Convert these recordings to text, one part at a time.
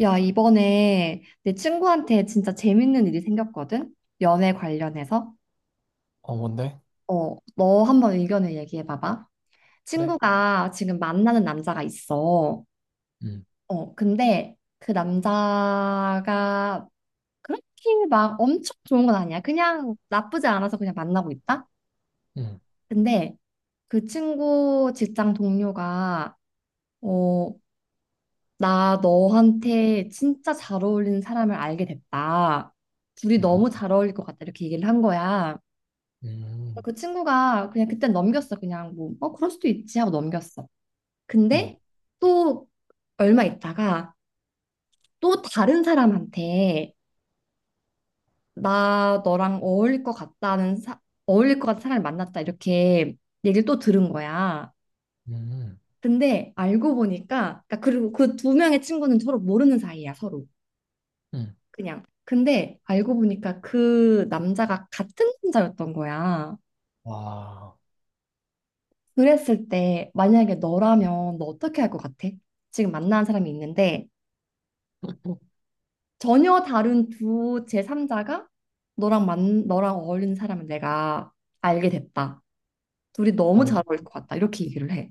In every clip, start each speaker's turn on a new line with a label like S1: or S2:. S1: 야, 이번에 내 친구한테 진짜 재밌는 일이 생겼거든? 연애 관련해서.
S2: 어, 뭔데?
S1: 어, 너 한번 의견을 얘기해 봐봐.
S2: 그래?
S1: 친구가 지금 만나는 남자가 있어.
S2: 음,
S1: 어, 근데 그 남자가 그렇게 막 엄청 좋은 건 아니야. 그냥 나쁘지 않아서 그냥 만나고 있다?
S2: 음,
S1: 근데 그 친구 직장 동료가 어, 나 너한테 진짜 잘 어울리는 사람을 알게 됐다. 둘이
S2: 음,
S1: 너무 잘 어울릴 것 같다. 이렇게 얘기를 한 거야.
S2: 음,
S1: 그 친구가 그냥 그때 넘겼어. 그냥 뭐, 그럴 수도 있지 하고 넘겼어.
S2: 음,
S1: 근데 또 얼마 있다가 또 다른 사람한테 나 너랑 어울릴 것 같다는 어울릴 것 같은 사람을 만났다. 이렇게 얘기를 또 들은 거야.
S2: 음,
S1: 근데 알고 보니까, 그러니까 그리고 그 두 명의 친구는 서로 모르는 사이야, 서로.
S2: 음.
S1: 그냥. 근데 알고 보니까 그 남자가 같은 남자였던 거야.
S2: 와.
S1: 그랬을 때 만약에 너라면 너 어떻게 할 것 같아? 지금 만나는 사람이 있는데 전혀 다른 두 제3자가 너랑 어울리는 사람을 내가 알게 됐다. 둘이
S2: 아,
S1: 너무
S2: 근데
S1: 잘 어울릴 것 같다. 이렇게 얘기를 해.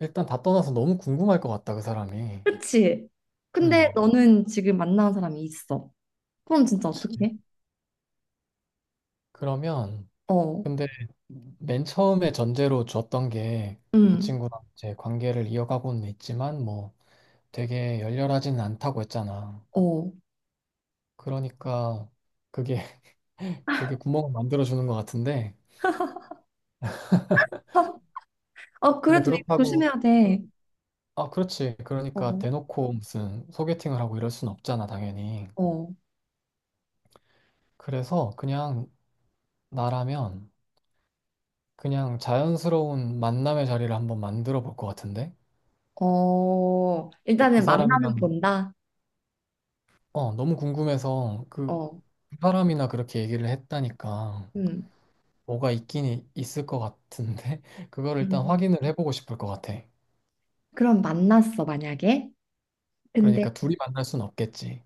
S2: 일단 다 떠나서 너무 궁금할 것 같다, 그 사람이.
S1: 그치? 근데
S2: 음,
S1: 너는 지금 만나는 사람이 있어. 그럼 진짜
S2: 그치.
S1: 어떻게 해?
S2: 그러면,
S1: 어.
S2: 근데 맨 처음에 전제로 줬던 게 그
S1: 응.
S2: 친구랑 이제 관계를 이어가고는 있지만 뭐 되게 열렬하지는 않다고 했잖아.
S1: 어.
S2: 그러니까 그게, 그게 구멍을 만들어주는 것 같은데.
S1: 어,
S2: 근데
S1: 그래도 이거
S2: 그렇다고,
S1: 조심해야 돼.
S2: 아, 그렇지. 그러니까
S1: 어.
S2: 대놓고 무슨 소개팅을 하고 이럴 순 없잖아, 당연히.
S1: 어.
S2: 그래서 그냥 나라면 그냥 자연스러운 만남의 자리를 한번 만들어 볼 것 같은데?
S1: 어, 일단은
S2: 그
S1: 만나는
S2: 사람이랑,
S1: 본다.
S2: 어, 너무 궁금해서 그
S1: 어,
S2: 사람이나 그렇게 얘기를 했다니까
S1: 음,
S2: 뭐가 있긴 있을 것 같은데? 그거를 일단
S1: 음.
S2: 확인을 해보고 싶을 것 같아.
S1: 그럼 만났어, 만약에. 근데,
S2: 그러니까 둘이 만날 순 없겠지.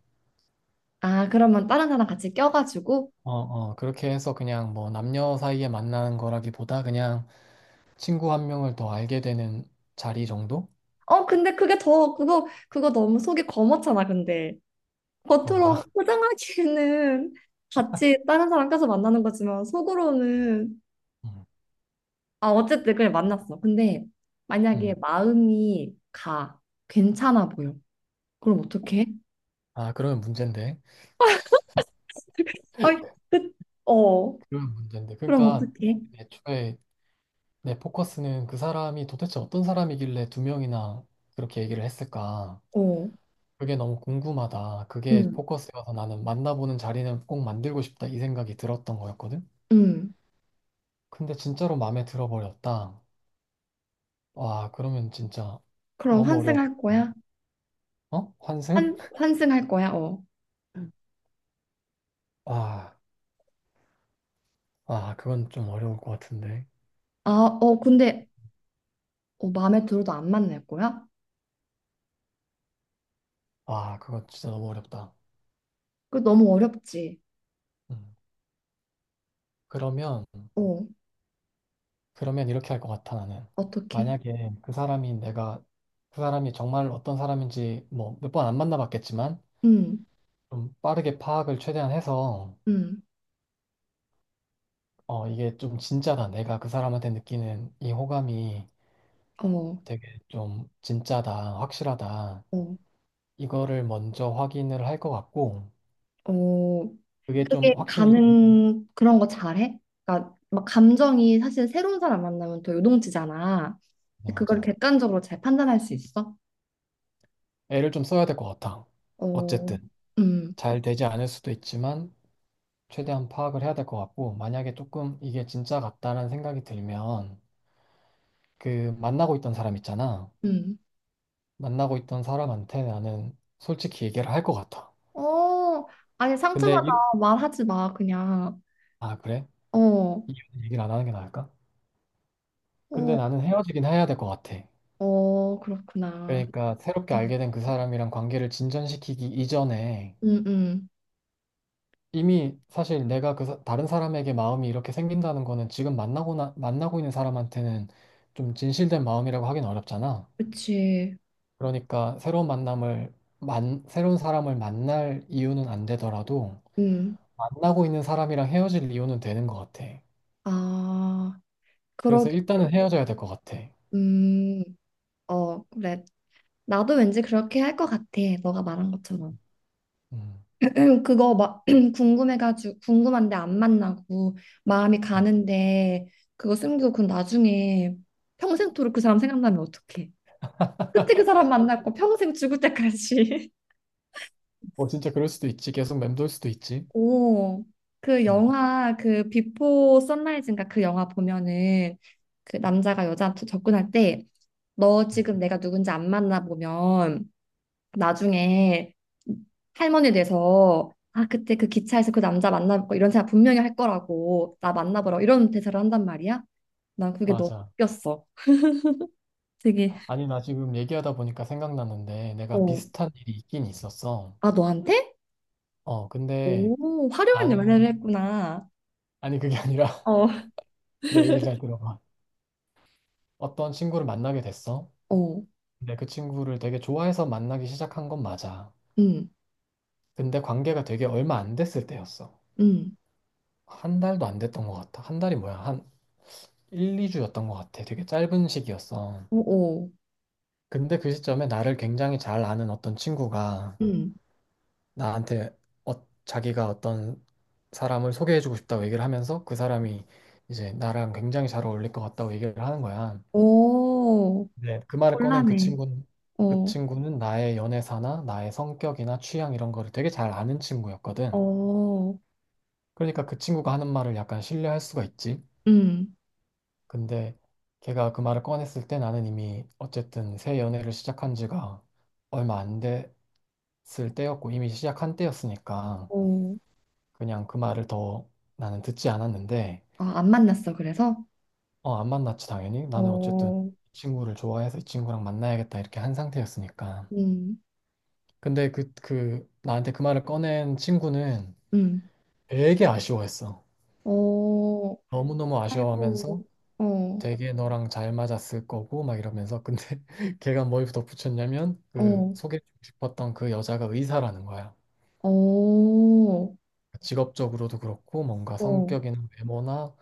S1: 아, 그러면 다른 사람 같이 껴가지고.
S2: 어, 어, 그렇게 해서 그냥 뭐 남녀 사이에 만나는 거라기보다 그냥 친구 한 명을 더 알게 되는 자리 정도?
S1: 어, 근데 그거 너무 속이 검었잖아, 근데. 겉으로
S2: 그런가?
S1: 포장하기에는 같이 다른 사람 껴서 만나는 거지만, 속으로는.
S2: 음.
S1: 아, 어쨌든 그냥 만났어. 근데 만약에
S2: 음.
S1: 마음이 가. 괜찮아 보여. 그럼 어떡해?
S2: 아, 그러면 문제인데.
S1: 아이 끝. 어,
S2: 그러면 문제인데.
S1: 그럼
S2: 그러니까
S1: 어떡해?
S2: 애초에 내 포커스는 그 사람이 도대체 어떤 사람이길래 두 명이나 그렇게 얘기를 했을까?
S1: 어.
S2: 그게 너무 궁금하다. 그게
S1: 음.
S2: 포커스여서 나는 만나보는 자리는 꼭 만들고 싶다. 이 생각이 들었던 거였거든?
S1: 음,
S2: 근데 진짜로 마음에 들어버렸다. 와, 그러면 진짜
S1: 그럼
S2: 너무 어려워.
S1: 환승할 거야?
S2: 어? 환승?
S1: 환승할 거야? 어.
S2: 아, 아, 그건 좀 어려울 것 같은데.
S1: 아, 어, 근데 어, 마음에 들어도 안 만날 거야?
S2: 와, 그거 진짜 너무 어렵다.
S1: 그 너무 어렵지.
S2: 음. 그러면,
S1: 어,
S2: 그러면 이렇게 할 것 같아, 나는.
S1: 어떻게?
S2: 만약에 그 사람이 내가, 그 사람이 정말 어떤 사람인지 뭐 몇 번 안 만나봤겠지만,
S1: 음,
S2: 좀 빠르게 파악을 최대한 해서,
S1: 음,
S2: 어, 이게 좀 진짜다. 내가 그 사람한테 느끼는 이 호감이
S1: 어,
S2: 되게 좀 진짜다, 확실하다.
S1: 어,
S2: 이거를 먼저 확인을 할 것 같고,
S1: 어.
S2: 그게 좀
S1: 그게
S2: 확신이 좀,
S1: 가는 그런 거 잘해? 그러니까 막 감정이 사실 새로운 사람 만나면 더 요동치잖아.
S2: 네,
S1: 근데 그걸
S2: 맞아.
S1: 객관적으로 잘 판단할 수 있어?
S2: 애를 좀 써야 될 것 같아.
S1: 어,
S2: 어쨌든.
S1: 음,
S2: 잘 되지 않을 수도 있지만, 최대한 파악을 해야 될 것 같고, 만약에 조금 이게 진짜 같다라는 생각이 들면, 그 만나고 있던 사람 있잖아.
S1: 음.
S2: 만나고 있던 사람한테 나는 솔직히 얘기를 할 것 같아.
S1: 어, 아니
S2: 근데,
S1: 상처받아
S2: 이,
S1: 말하지 마 그냥.
S2: 아, 그래?
S1: 어.
S2: 이유는 얘기를 안 하는 게 나을까? 근데
S1: 어.
S2: 나는 헤어지긴 해야 될 것 같아.
S1: 어, 그렇구나.
S2: 그러니까 새롭게
S1: 음.
S2: 알게 된 그 사람이랑 관계를 진전시키기 이전에
S1: 음, 음.
S2: 이미 사실 내가 다른 사람에게 마음이 이렇게 생긴다는 거는 지금 만나고 있는 사람한테는 좀 진실된 마음이라고 하긴 어렵잖아.
S1: 그치.
S2: 그러니까 새로운 만남을 새로운 사람을 만날 이유는 안 되더라도
S1: 음.
S2: 만나고 있는 사람이랑 헤어질 이유는 되는 것 같아.
S1: 아,
S2: 그래서
S1: 그러게.
S2: 일단은 헤어져야 될 것 같아.
S1: 음. 어, 그래. 나도 왠지 그렇게 할 것 같아. 너가 말한 것처럼.
S2: 음.
S1: 그거 막 궁금해가지고 궁금한데 안 만나고 마음이
S2: 음.
S1: 가는데 그거 숨기고 그 나중에 평생토록 그 사람 생각나면 어떡해? 그때 그 사람 만났고 평생 죽을 때까지.
S2: 뭐 진짜 그럴 수도 있지. 계속 맴돌 수도 있지.
S1: 오. 그
S2: 음,
S1: 영화 그 비포 선라이즈인가 그 영화 보면은 그 남자가 여자한테 접근할 때 너
S2: 음.
S1: 지금 내가 누군지 안 만나보면 나중에 할머니 돼서 아 그때 그 기차에서 그 남자 만나볼 거 이런 생각 분명히 할 거라고 나 만나보라고 이런 대사를 한단 말이야. 난 그게 너무
S2: 맞아.
S1: 웃겼어. 되게
S2: 아니 나 지금 얘기하다 보니까 생각났는데 내가
S1: 어.
S2: 비슷한 일이 있긴 있었어.
S1: 아 너한테?
S2: 어 근데
S1: 오 화려한 연애를
S2: 나는
S1: 했구나.
S2: 아니 그게 아니라
S1: 어,
S2: 내 얘기를 잘 들어봐. 어떤 친구를 만나게 됐어.
S1: 응,
S2: 근데 그 친구를 되게 좋아해서 만나기 시작한 건 맞아.
S1: 응.
S2: 근데 관계가 되게 얼마 안 됐을
S1: 어.
S2: 때였어.
S1: 음. 음.
S2: 한 달도 안 됐던 것 같아. 한 달이 뭐야? 한 1, 2주였던 것 같아. 되게 짧은 시기였어.
S1: 오오.
S2: 근데 그 시점에 나를 굉장히 잘 아는 어떤 친구가
S1: 음.
S2: 나한테 어, 자기가 어떤 사람을 소개해주고 싶다고 얘기를 하면서 그 사람이 이제 나랑 굉장히 잘 어울릴 것 같다고 얘기를 하는 거야.
S1: 오.
S2: 네. 그 말을 꺼낸 그
S1: 곤란해.
S2: 친구는 그
S1: 어.
S2: 친구는 나의 연애사나 나의 성격이나 취향 이런 거를 되게 잘 아는 친구였거든.
S1: 어.
S2: 그러니까 그 친구가 하는 말을 약간 신뢰할 수가 있지.
S1: 음.
S2: 근데 걔가 그 말을 꺼냈을 때 나는 이미 어쨌든 새 연애를 시작한 지가 얼마 안 됐을 때였고 이미 시작한 때였으니까
S1: 어.
S2: 그냥 그 말을 더 나는 듣지 않았는데
S1: 아, 안 만났어, 그래서?
S2: 어, 안 만났지 당연히 나는 어쨌든
S1: 어,
S2: 이 친구를 좋아해서 이 친구랑 만나야겠다 이렇게 한 상태였으니까
S1: 음,
S2: 근데 그 나한테 그 말을 꺼낸 친구는
S1: 음.
S2: 되게 아쉬워했어
S1: 어, 어,
S2: 너무너무
S1: 아이고,
S2: 아쉬워하면서
S1: 어,
S2: 되게 너랑 잘 맞았을 거고 막 이러면서 근데 걔가 뭘 덧붙였냐면 그
S1: 어,
S2: 소개해주고 싶었던 그 여자가 의사라는 거야.
S1: 어, 어.
S2: 그러니까 직업적으로도 그렇고 뭔가 성격이나 외모나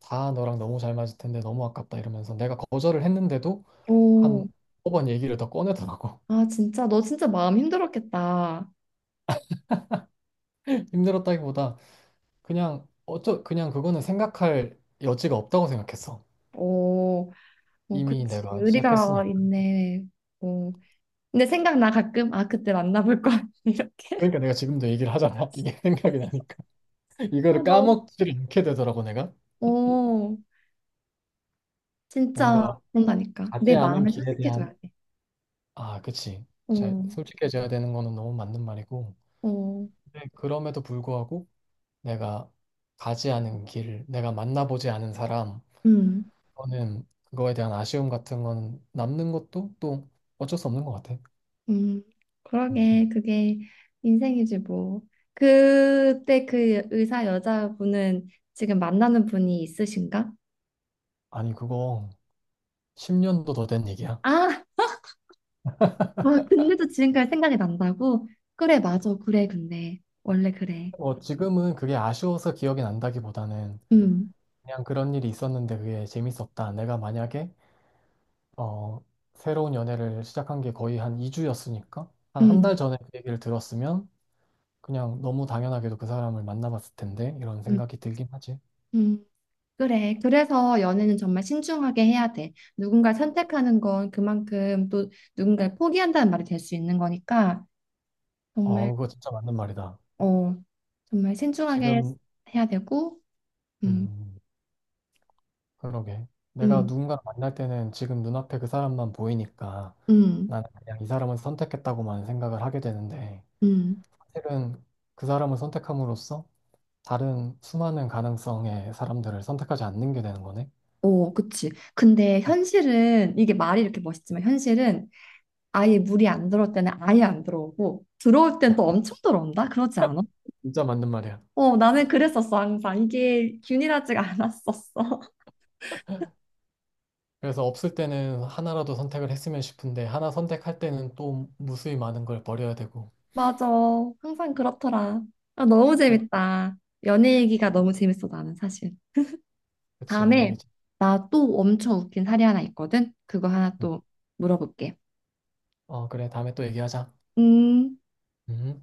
S2: 다 너랑 너무 잘 맞을 텐데 너무 아깝다 이러면서 내가 거절을 했는데도 한
S1: 어.
S2: 5번 얘기를 더 꺼내더라고.
S1: 아, 진짜, 너 진짜 마음 힘들었겠다.
S2: 힘들었다기보다 그냥 그거는 생각할 여지가 없다고 생각했어.
S1: 어, 어,
S2: 이미
S1: 그치.
S2: 내가
S1: 의리가
S2: 시작했으니까.
S1: 있네. 어. 근데 생각나 가끔, 아, 그때 만나볼 걸. 이렇게.
S2: 그러니까 내가 지금도 얘기를 하잖아. 이게 생각이 나니까.
S1: 아,
S2: 이거를
S1: 너무,
S2: 까먹지를 않게 되더라고 내가.
S1: 어, 진짜
S2: 뭔가
S1: 그런다니까.
S2: 가지
S1: 내
S2: 않은
S1: 마음을
S2: 길에
S1: 솔직해줘야
S2: 대한
S1: 돼.
S2: 아, 그치. 잘
S1: 어,
S2: 솔직해져야 되는 거는 너무 맞는 말이고.
S1: 어,
S2: 근데 그럼에도 불구하고 내가 가지 않은 길, 내가 만나보지 않은 사람,
S1: 음.
S2: 그거는 그거에 대한 아쉬움 같은 건 남는 것도 또 어쩔 수 없는 것 같아.
S1: 음,
S2: 음.
S1: 그러게, 그게 인생이지, 뭐. 그때 그 의사 여자분은 지금 만나는 분이 있으신가?
S2: 아니 그거 10년도 더 된 얘기야.
S1: 아, 와, 근데도 지금까지 생각이 난다고? 그래, 맞아, 그래, 근데. 원래 그래.
S2: 뭐 지금은 그게 아쉬워서 기억이 난다기보다는
S1: 음,
S2: 그냥 그런 일이 있었는데 그게 재밌었다. 내가 만약에 어, 새로운 연애를 시작한 게 거의 한 2주였으니까 한 한 달
S1: 음,
S2: 전에 그 얘기를 들었으면 그냥 너무 당연하게도 그 사람을 만나봤을 텐데 이런
S1: 음,
S2: 생각이 들긴 하지.
S1: 음. 그래. 그래서 연애는 정말 신중하게 해야 돼. 누군가를 선택하는 건 그만큼 또 누군가를 포기한다는 말이 될 수 있는 거니까 정말,
S2: 어, 그거 진짜 맞는 말이다.
S1: 어, 정말 신중하게
S2: 지금
S1: 해야 되고, 음.
S2: 음, 그러게. 내가
S1: 음.
S2: 누군가를 만날 때는 지금 눈앞에 그 사람만 보이니까
S1: 음,
S2: 나는 그냥 이 사람을 선택했다고만 생각을 하게 되는데
S1: 음,
S2: 사실은 그 사람을 선택함으로써 다른 수많은 가능성의 사람들을 선택하지 않는 게 되는 거네.
S1: 오, 그치. 근데
S2: 음,
S1: 현실은, 이게 말이 이렇게 멋있지만, 현실은 아예 물이 안 들어올 때는 아예 안 들어오고, 들어올 땐 또 엄청 들어온다? 그러지 않아?
S2: 진짜 맞는 말이야.
S1: 어, 나는 그랬었어, 항상. 이게 균일하지가 않았었어.
S2: 그래서 없을 때는 하나라도 선택을 했으면 싶은데 하나 선택할 때는 또 무수히 많은 걸 버려야 되고.
S1: 맞아. 항상 그렇더라. 아, 너무 재밌다. 연애 얘기가 너무 재밌어, 나는 사실.
S2: 그치,
S1: 다음에,
S2: 연예계지.
S1: 나 또 엄청 웃긴 사례 하나 있거든? 그거 하나
S2: 음.
S1: 또 물어볼게.
S2: 어, 그래. 다음에 또 얘기하자.
S1: 음.
S2: 음.